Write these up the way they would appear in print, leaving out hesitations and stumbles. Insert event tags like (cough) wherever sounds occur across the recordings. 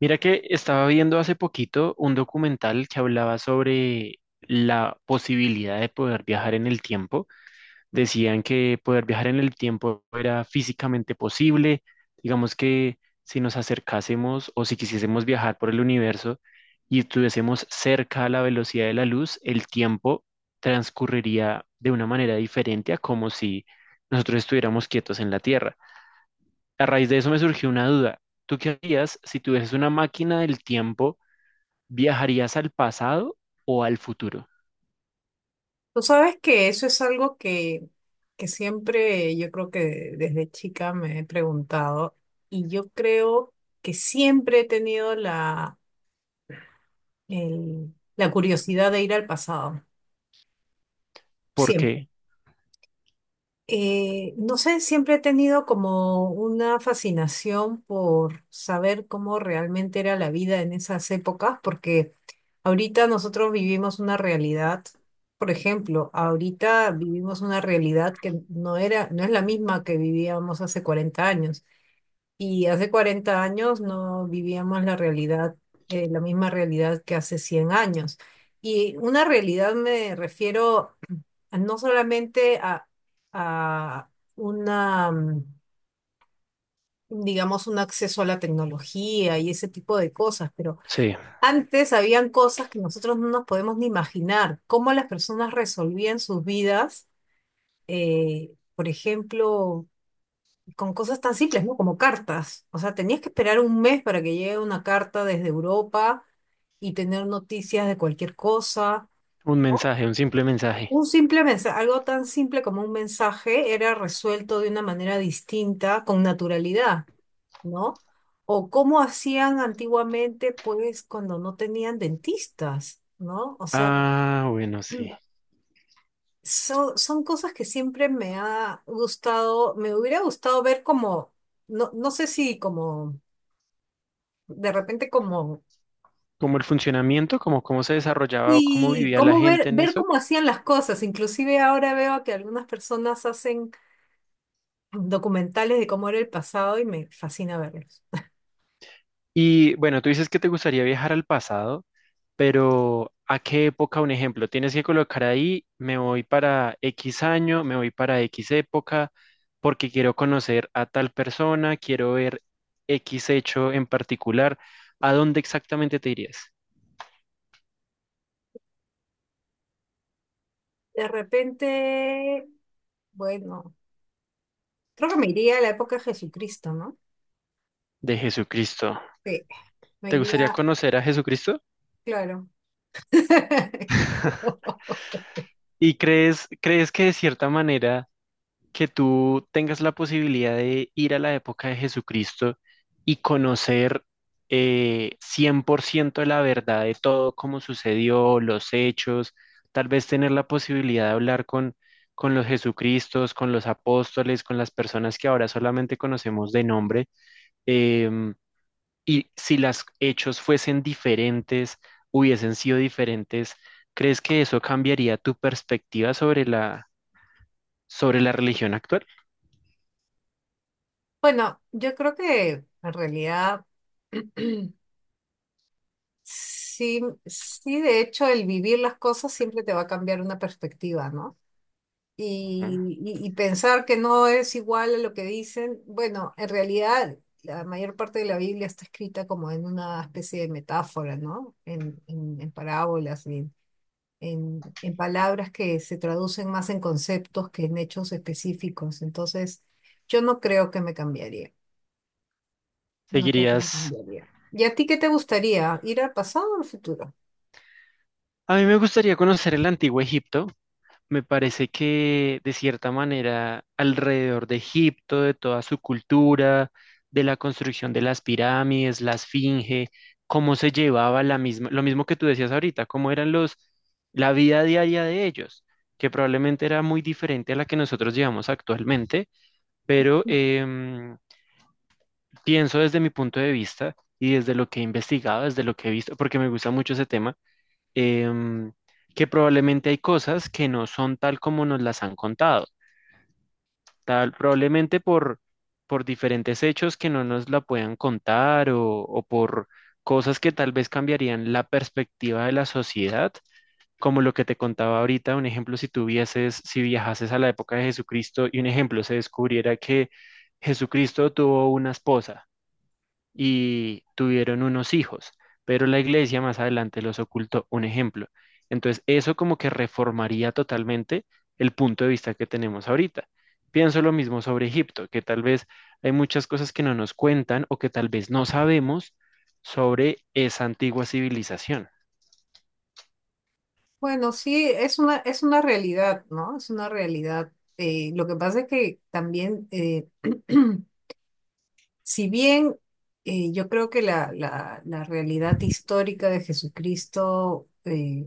Mira que estaba viendo hace poquito un documental que hablaba sobre la posibilidad de poder viajar en el tiempo. Decían que poder viajar en el tiempo era físicamente posible. Digamos que si nos acercásemos o si quisiésemos viajar por el universo y estuviésemos cerca a la velocidad de la luz, el tiempo transcurriría de una manera diferente a como si nosotros estuviéramos quietos en la Tierra. A raíz de eso me surgió una duda. ¿Tú qué harías si tuvieses una máquina del tiempo? ¿Viajarías al pasado o al futuro? Tú sabes que eso es algo que siempre yo creo que desde chica me he preguntado y yo creo que siempre he tenido la curiosidad de ir al pasado, ¿Por siempre. qué? No sé, siempre he tenido como una fascinación por saber cómo realmente era la vida en esas épocas, porque ahorita nosotros vivimos una realidad, por ejemplo, ahorita vivimos una realidad que no era, no es la misma que vivíamos hace 40 años, y hace 40 años no vivíamos la realidad, la misma realidad que hace 100 años. Y una realidad me refiero no solamente a una, mm, digamos, un acceso a la tecnología y ese tipo de cosas. Pero Sí, antes habían cosas que nosotros no nos podemos ni imaginar, cómo las personas resolvían sus vidas. Por ejemplo, con cosas tan simples, ¿no? Como cartas. O sea, tenías que esperar un mes para que llegue una carta desde Europa y tener noticias de cualquier cosa. un ¿No? mensaje, un simple mensaje. Un simple mensaje, algo tan simple como un mensaje era resuelto de una manera distinta, con naturalidad, ¿no? O cómo hacían antiguamente, pues, cuando no tenían dentistas, ¿no? O sea, Ah, bueno, sí. (clears throat) son cosas que siempre me ha gustado, me hubiera gustado ver como, no, no sé si como, de repente como, Como el funcionamiento, como cómo se desarrollaba o cómo y vivía la cómo ver, gente en ver eso. cómo hacían las cosas. Inclusive ahora veo que algunas personas hacen documentales de cómo era el pasado y me fascina verlos. Y bueno, tú dices que te gustaría viajar al pasado, pero ¿a qué época? Un ejemplo, tienes que colocar ahí, me voy para X año, me voy para X época, porque quiero conocer a tal persona, quiero ver X hecho en particular. ¿A dónde exactamente te irías? De repente, bueno, creo que me iría a la época de Jesucristo, ¿no? De Jesucristo. Sí, me ¿Te gustaría iría, conocer a Jesucristo? claro. (laughs) ¿Y crees que de cierta manera... que tú tengas la posibilidad de ir a la época de Jesucristo y conocer 100% la verdad de todo, cómo sucedió, los hechos, tal vez tener la posibilidad de hablar con los Jesucristos, con los apóstoles, con las personas que ahora solamente conocemos de nombre, em, y si los hechos fuesen diferentes, hubiesen sido diferentes, ¿crees que eso cambiaría tu perspectiva sobre la religión actual? Bueno, yo creo que en realidad (clears throat) sí, sí, de hecho, el vivir las cosas siempre te va a cambiar una perspectiva, ¿no? Ujú. Y, y pensar que no es igual a lo que dicen. Bueno, en realidad la mayor parte de la Biblia está escrita como en una especie de metáfora, ¿no? En, en parábolas, y en palabras que se traducen más en conceptos que en hechos específicos. Entonces, yo no creo que me cambiaría. No creo que me Seguirías. cambiaría. ¿Y a ti qué te gustaría? ¿Ir al pasado o al futuro? A mí me gustaría conocer el antiguo Egipto. Me parece que de cierta manera alrededor de Egipto, de toda su cultura, de la construcción de las pirámides, la esfinge, cómo se llevaba la misma, lo mismo que tú decías ahorita, cómo eran los, la vida diaria de ellos, que probablemente era muy diferente a la que nosotros llevamos actualmente, pero pienso desde mi punto de vista y desde lo que he investigado, desde lo que he visto, porque me gusta mucho ese tema, em, que probablemente hay cosas que no son tal como nos las han contado, tal probablemente por diferentes hechos que no nos la puedan contar o por cosas que tal vez cambiarían la perspectiva de la sociedad, como lo que te contaba ahorita, un ejemplo, si tuvieses, si viajases a la época de Jesucristo y un ejemplo, se descubriera que Jesucristo tuvo una esposa y tuvieron unos hijos, pero la iglesia más adelante los ocultó. Un ejemplo. Entonces, eso como que reformaría totalmente el punto de vista que tenemos ahorita. Pienso lo mismo sobre Egipto, que tal vez hay muchas cosas que no nos cuentan o que tal vez no sabemos sobre esa antigua civilización. Bueno, sí, es una realidad, ¿no? Es una realidad. Lo que pasa es que también, (clears throat) si bien yo creo que la, la realidad histórica de Jesucristo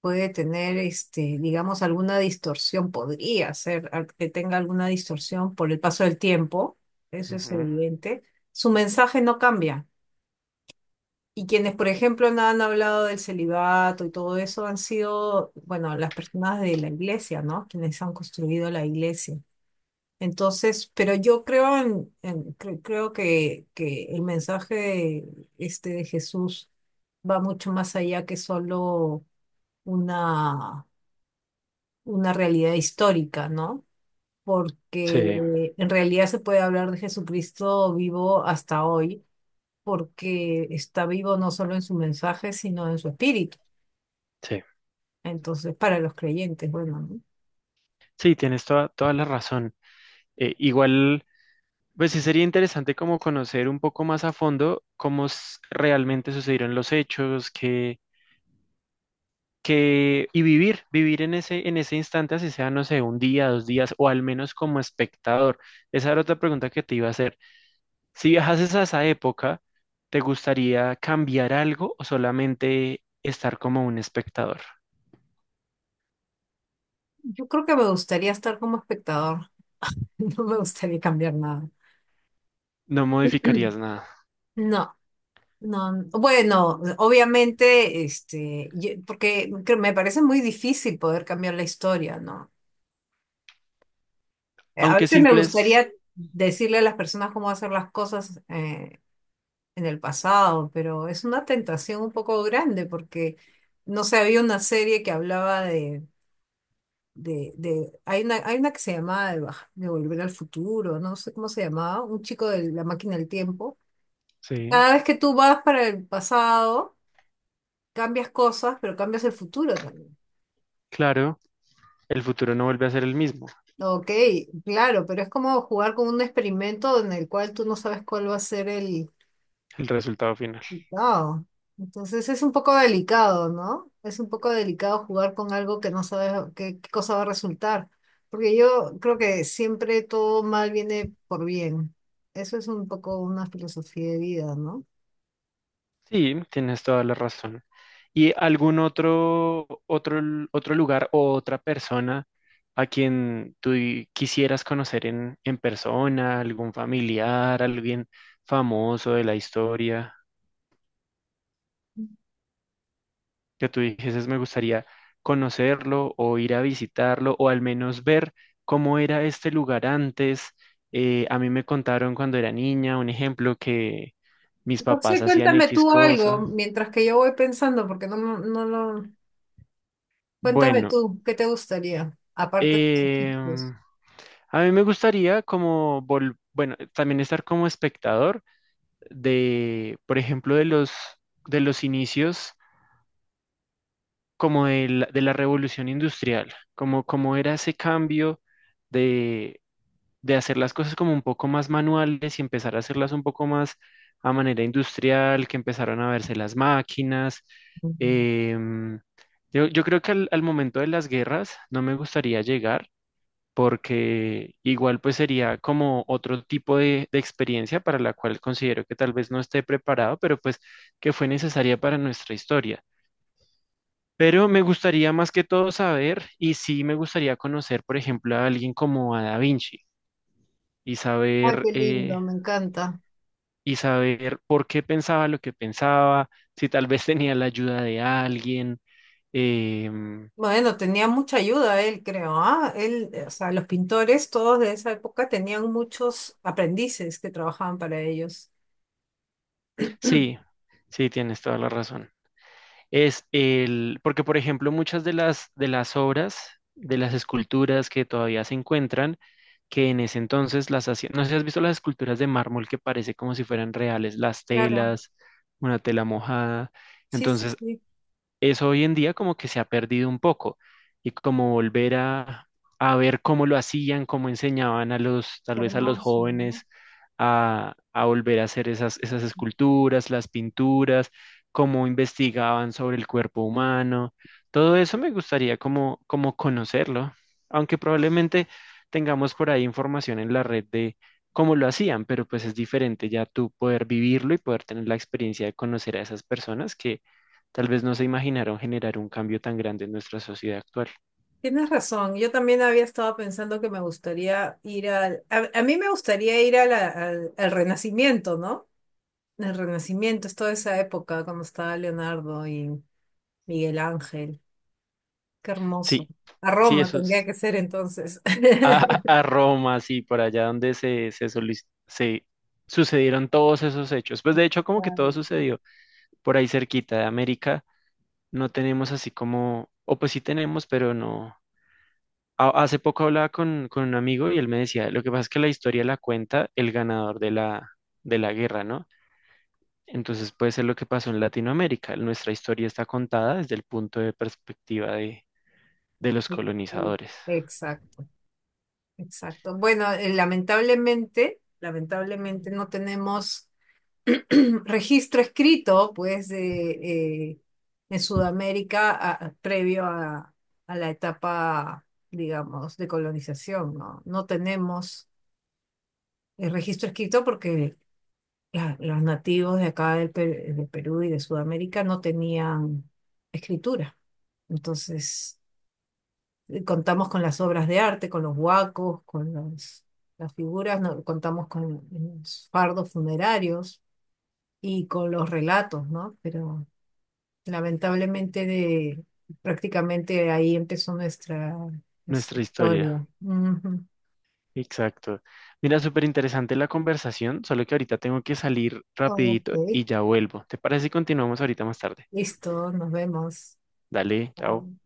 puede tener, este, digamos, alguna distorsión, podría ser que tenga alguna distorsión por el paso del tiempo, eso es Ujú. evidente, su mensaje no cambia. Y quienes, por ejemplo, no han hablado del celibato y todo eso han sido, bueno, las personas de la iglesia, ¿no? Quienes han construido la iglesia. Entonces, pero yo creo creo que el mensaje este de Jesús va mucho más allá que solo una, una realidad histórica, ¿no? Porque Sí, en realidad se puede hablar de Jesucristo vivo hasta hoy, porque está vivo no solo en su mensaje, sino en su espíritu. sí. Entonces, para los creyentes, bueno, ¿no? Sí, tienes toda, toda la razón. Igual, pues sí sería interesante como conocer un poco más a fondo cómo s- realmente sucedieron los hechos, qué, que, y vivir en en ese instante, así sea, no sé, un día, dos días, o al menos como espectador. Esa era otra pregunta que te iba a hacer. Si viajases a esa época, ¿te gustaría cambiar algo o solamente estar como un espectador? Yo creo que me gustaría estar como espectador, (laughs) no me gustaría cambiar nada. No modificarías (clears throat) nada. No, no, bueno, obviamente, este, me parece muy difícil poder cambiar la historia, ¿no? A Aunque veces me simples, gustaría decirle a las personas cómo hacer las cosas en el pasado, pero es una tentación un poco grande porque, no sé, había una serie que hablaba hay una que se llama de Volver al Futuro, no sé cómo se llamaba, un chico de la máquina del tiempo. sí, Cada vez que tú vas para el pasado, cambias cosas, pero cambias el futuro también. claro, el futuro no vuelve a ser el mismo, Ok, claro, pero es como jugar con un experimento en el cual tú no sabes cuál va a ser el, el resultado final. wow. Entonces es un poco delicado, ¿no? Es un poco delicado jugar con algo que no sabes qué cosa va a resultar. Porque yo creo que siempre todo mal viene por bien. Eso es un poco una filosofía de vida, ¿no? Sí, tienes toda la razón. ¿Y algún otro, l- otro lugar o otra persona a quien tú y- quisieras conocer en persona, algún familiar, alguien famoso de la historia, que tú dijeses me gustaría conocerlo o ir a visitarlo o al menos ver cómo era este lugar antes? A mí me contaron cuando era niña, un ejemplo, que mis No sé, papás hacían cuéntame X tú algo cosa. mientras que yo voy pensando, porque no lo... Cuéntame Bueno. tú, ¿qué te gustaría? Aparte de los ojitos. em, A mí me gustaría como, vol- bueno, también estar como espectador de, por ejemplo, de los inicios como de de la revolución industrial, como, como era ese cambio de, de hacer las cosas como un poco más manuales y empezar a hacerlas un poco más a manera industrial, que empezaron a verse las máquinas. em, yo creo que al momento de las guerras no me gustaría llegar porque igual pues sería como otro tipo de experiencia para la cual considero que tal vez no esté preparado, pero pues que fue necesaria para nuestra historia. Pero me gustaría más que todo saber, y sí me gustaría conocer, por ejemplo, a alguien como a Da Vinci y Ay, saber, qué lindo, eh, me encanta. y saber por qué pensaba lo que pensaba, si tal vez tenía la ayuda de alguien. em, Bueno, tenía mucha ayuda él, creo, ¿ah? Él, o sea, los pintores todos de esa época tenían muchos aprendices que trabajaban para ellos. sí, (clears throat) sí, tienes toda la razón. Es el, porque por ejemplo muchas de de las obras, de las esculturas que todavía se encuentran, que en ese entonces las hacían, no sé si has visto las esculturas de mármol que parece como si fueran reales, las Claro, telas, una tela mojada, sí, sí, entonces sí, eso hoy en día como que se ha perdido un poco y como volver a ver cómo lo hacían, cómo enseñaban a los, qué tal vez a los hermoso, ¿no? jóvenes a volver a hacer esas esculturas, las pinturas, cómo investigaban sobre el cuerpo humano. Todo eso me gustaría como, como conocerlo, aunque probablemente tengamos por ahí información en la red de cómo lo hacían, pero pues es diferente ya tú poder vivirlo y poder tener la experiencia de conocer a esas personas que tal vez no se imaginaron generar un cambio tan grande en nuestra sociedad actual. Tienes razón, yo también había estado pensando que me gustaría ir a mí me gustaría ir a al Renacimiento, ¿no? El Renacimiento, es toda esa época cuando estaba Leonardo y Miguel Ángel, qué hermoso. Sí, A sí, Roma eso tendría es. que ser entonces. A, (laughs) a Roma, sí, por allá donde se, solic- se sucedieron todos esos hechos. Pues de hecho, como que todo Claro. sucedió por ahí cerquita de América. No tenemos así como, o pues sí tenemos, pero no. A- hace poco hablaba con un amigo y él me decía, lo que pasa es que la historia la cuenta el ganador de de la guerra, ¿no? Entonces puede ser lo que pasó en Latinoamérica. Nuestra historia está contada desde el punto de perspectiva de los Sí, sí. colonizadores. Exacto, exacto. Bueno, lamentablemente, lamentablemente no tenemos (clears throat) registro escrito, pues, de, eh, en Sudamérica previo a la etapa, digamos, de colonización, ¿no? No tenemos el registro escrito porque los nativos de acá de Perú y de Sudamérica no tenían escritura. Entonces... contamos con las obras de arte, con los huacos, con las figuras, no, contamos con los fardos funerarios y con los relatos, ¿no? Pero lamentablemente de, prácticamente ahí empezó nuestra, nuestra Nuestra historia. historia. Ujú. Exacto. Mira, súper interesante la conversación, solo que ahorita tengo que salir rapidito Ok, y ya vuelvo. ¿Te parece si continuamos ahorita más tarde? listo, nos vemos. Dale, chao. Chao.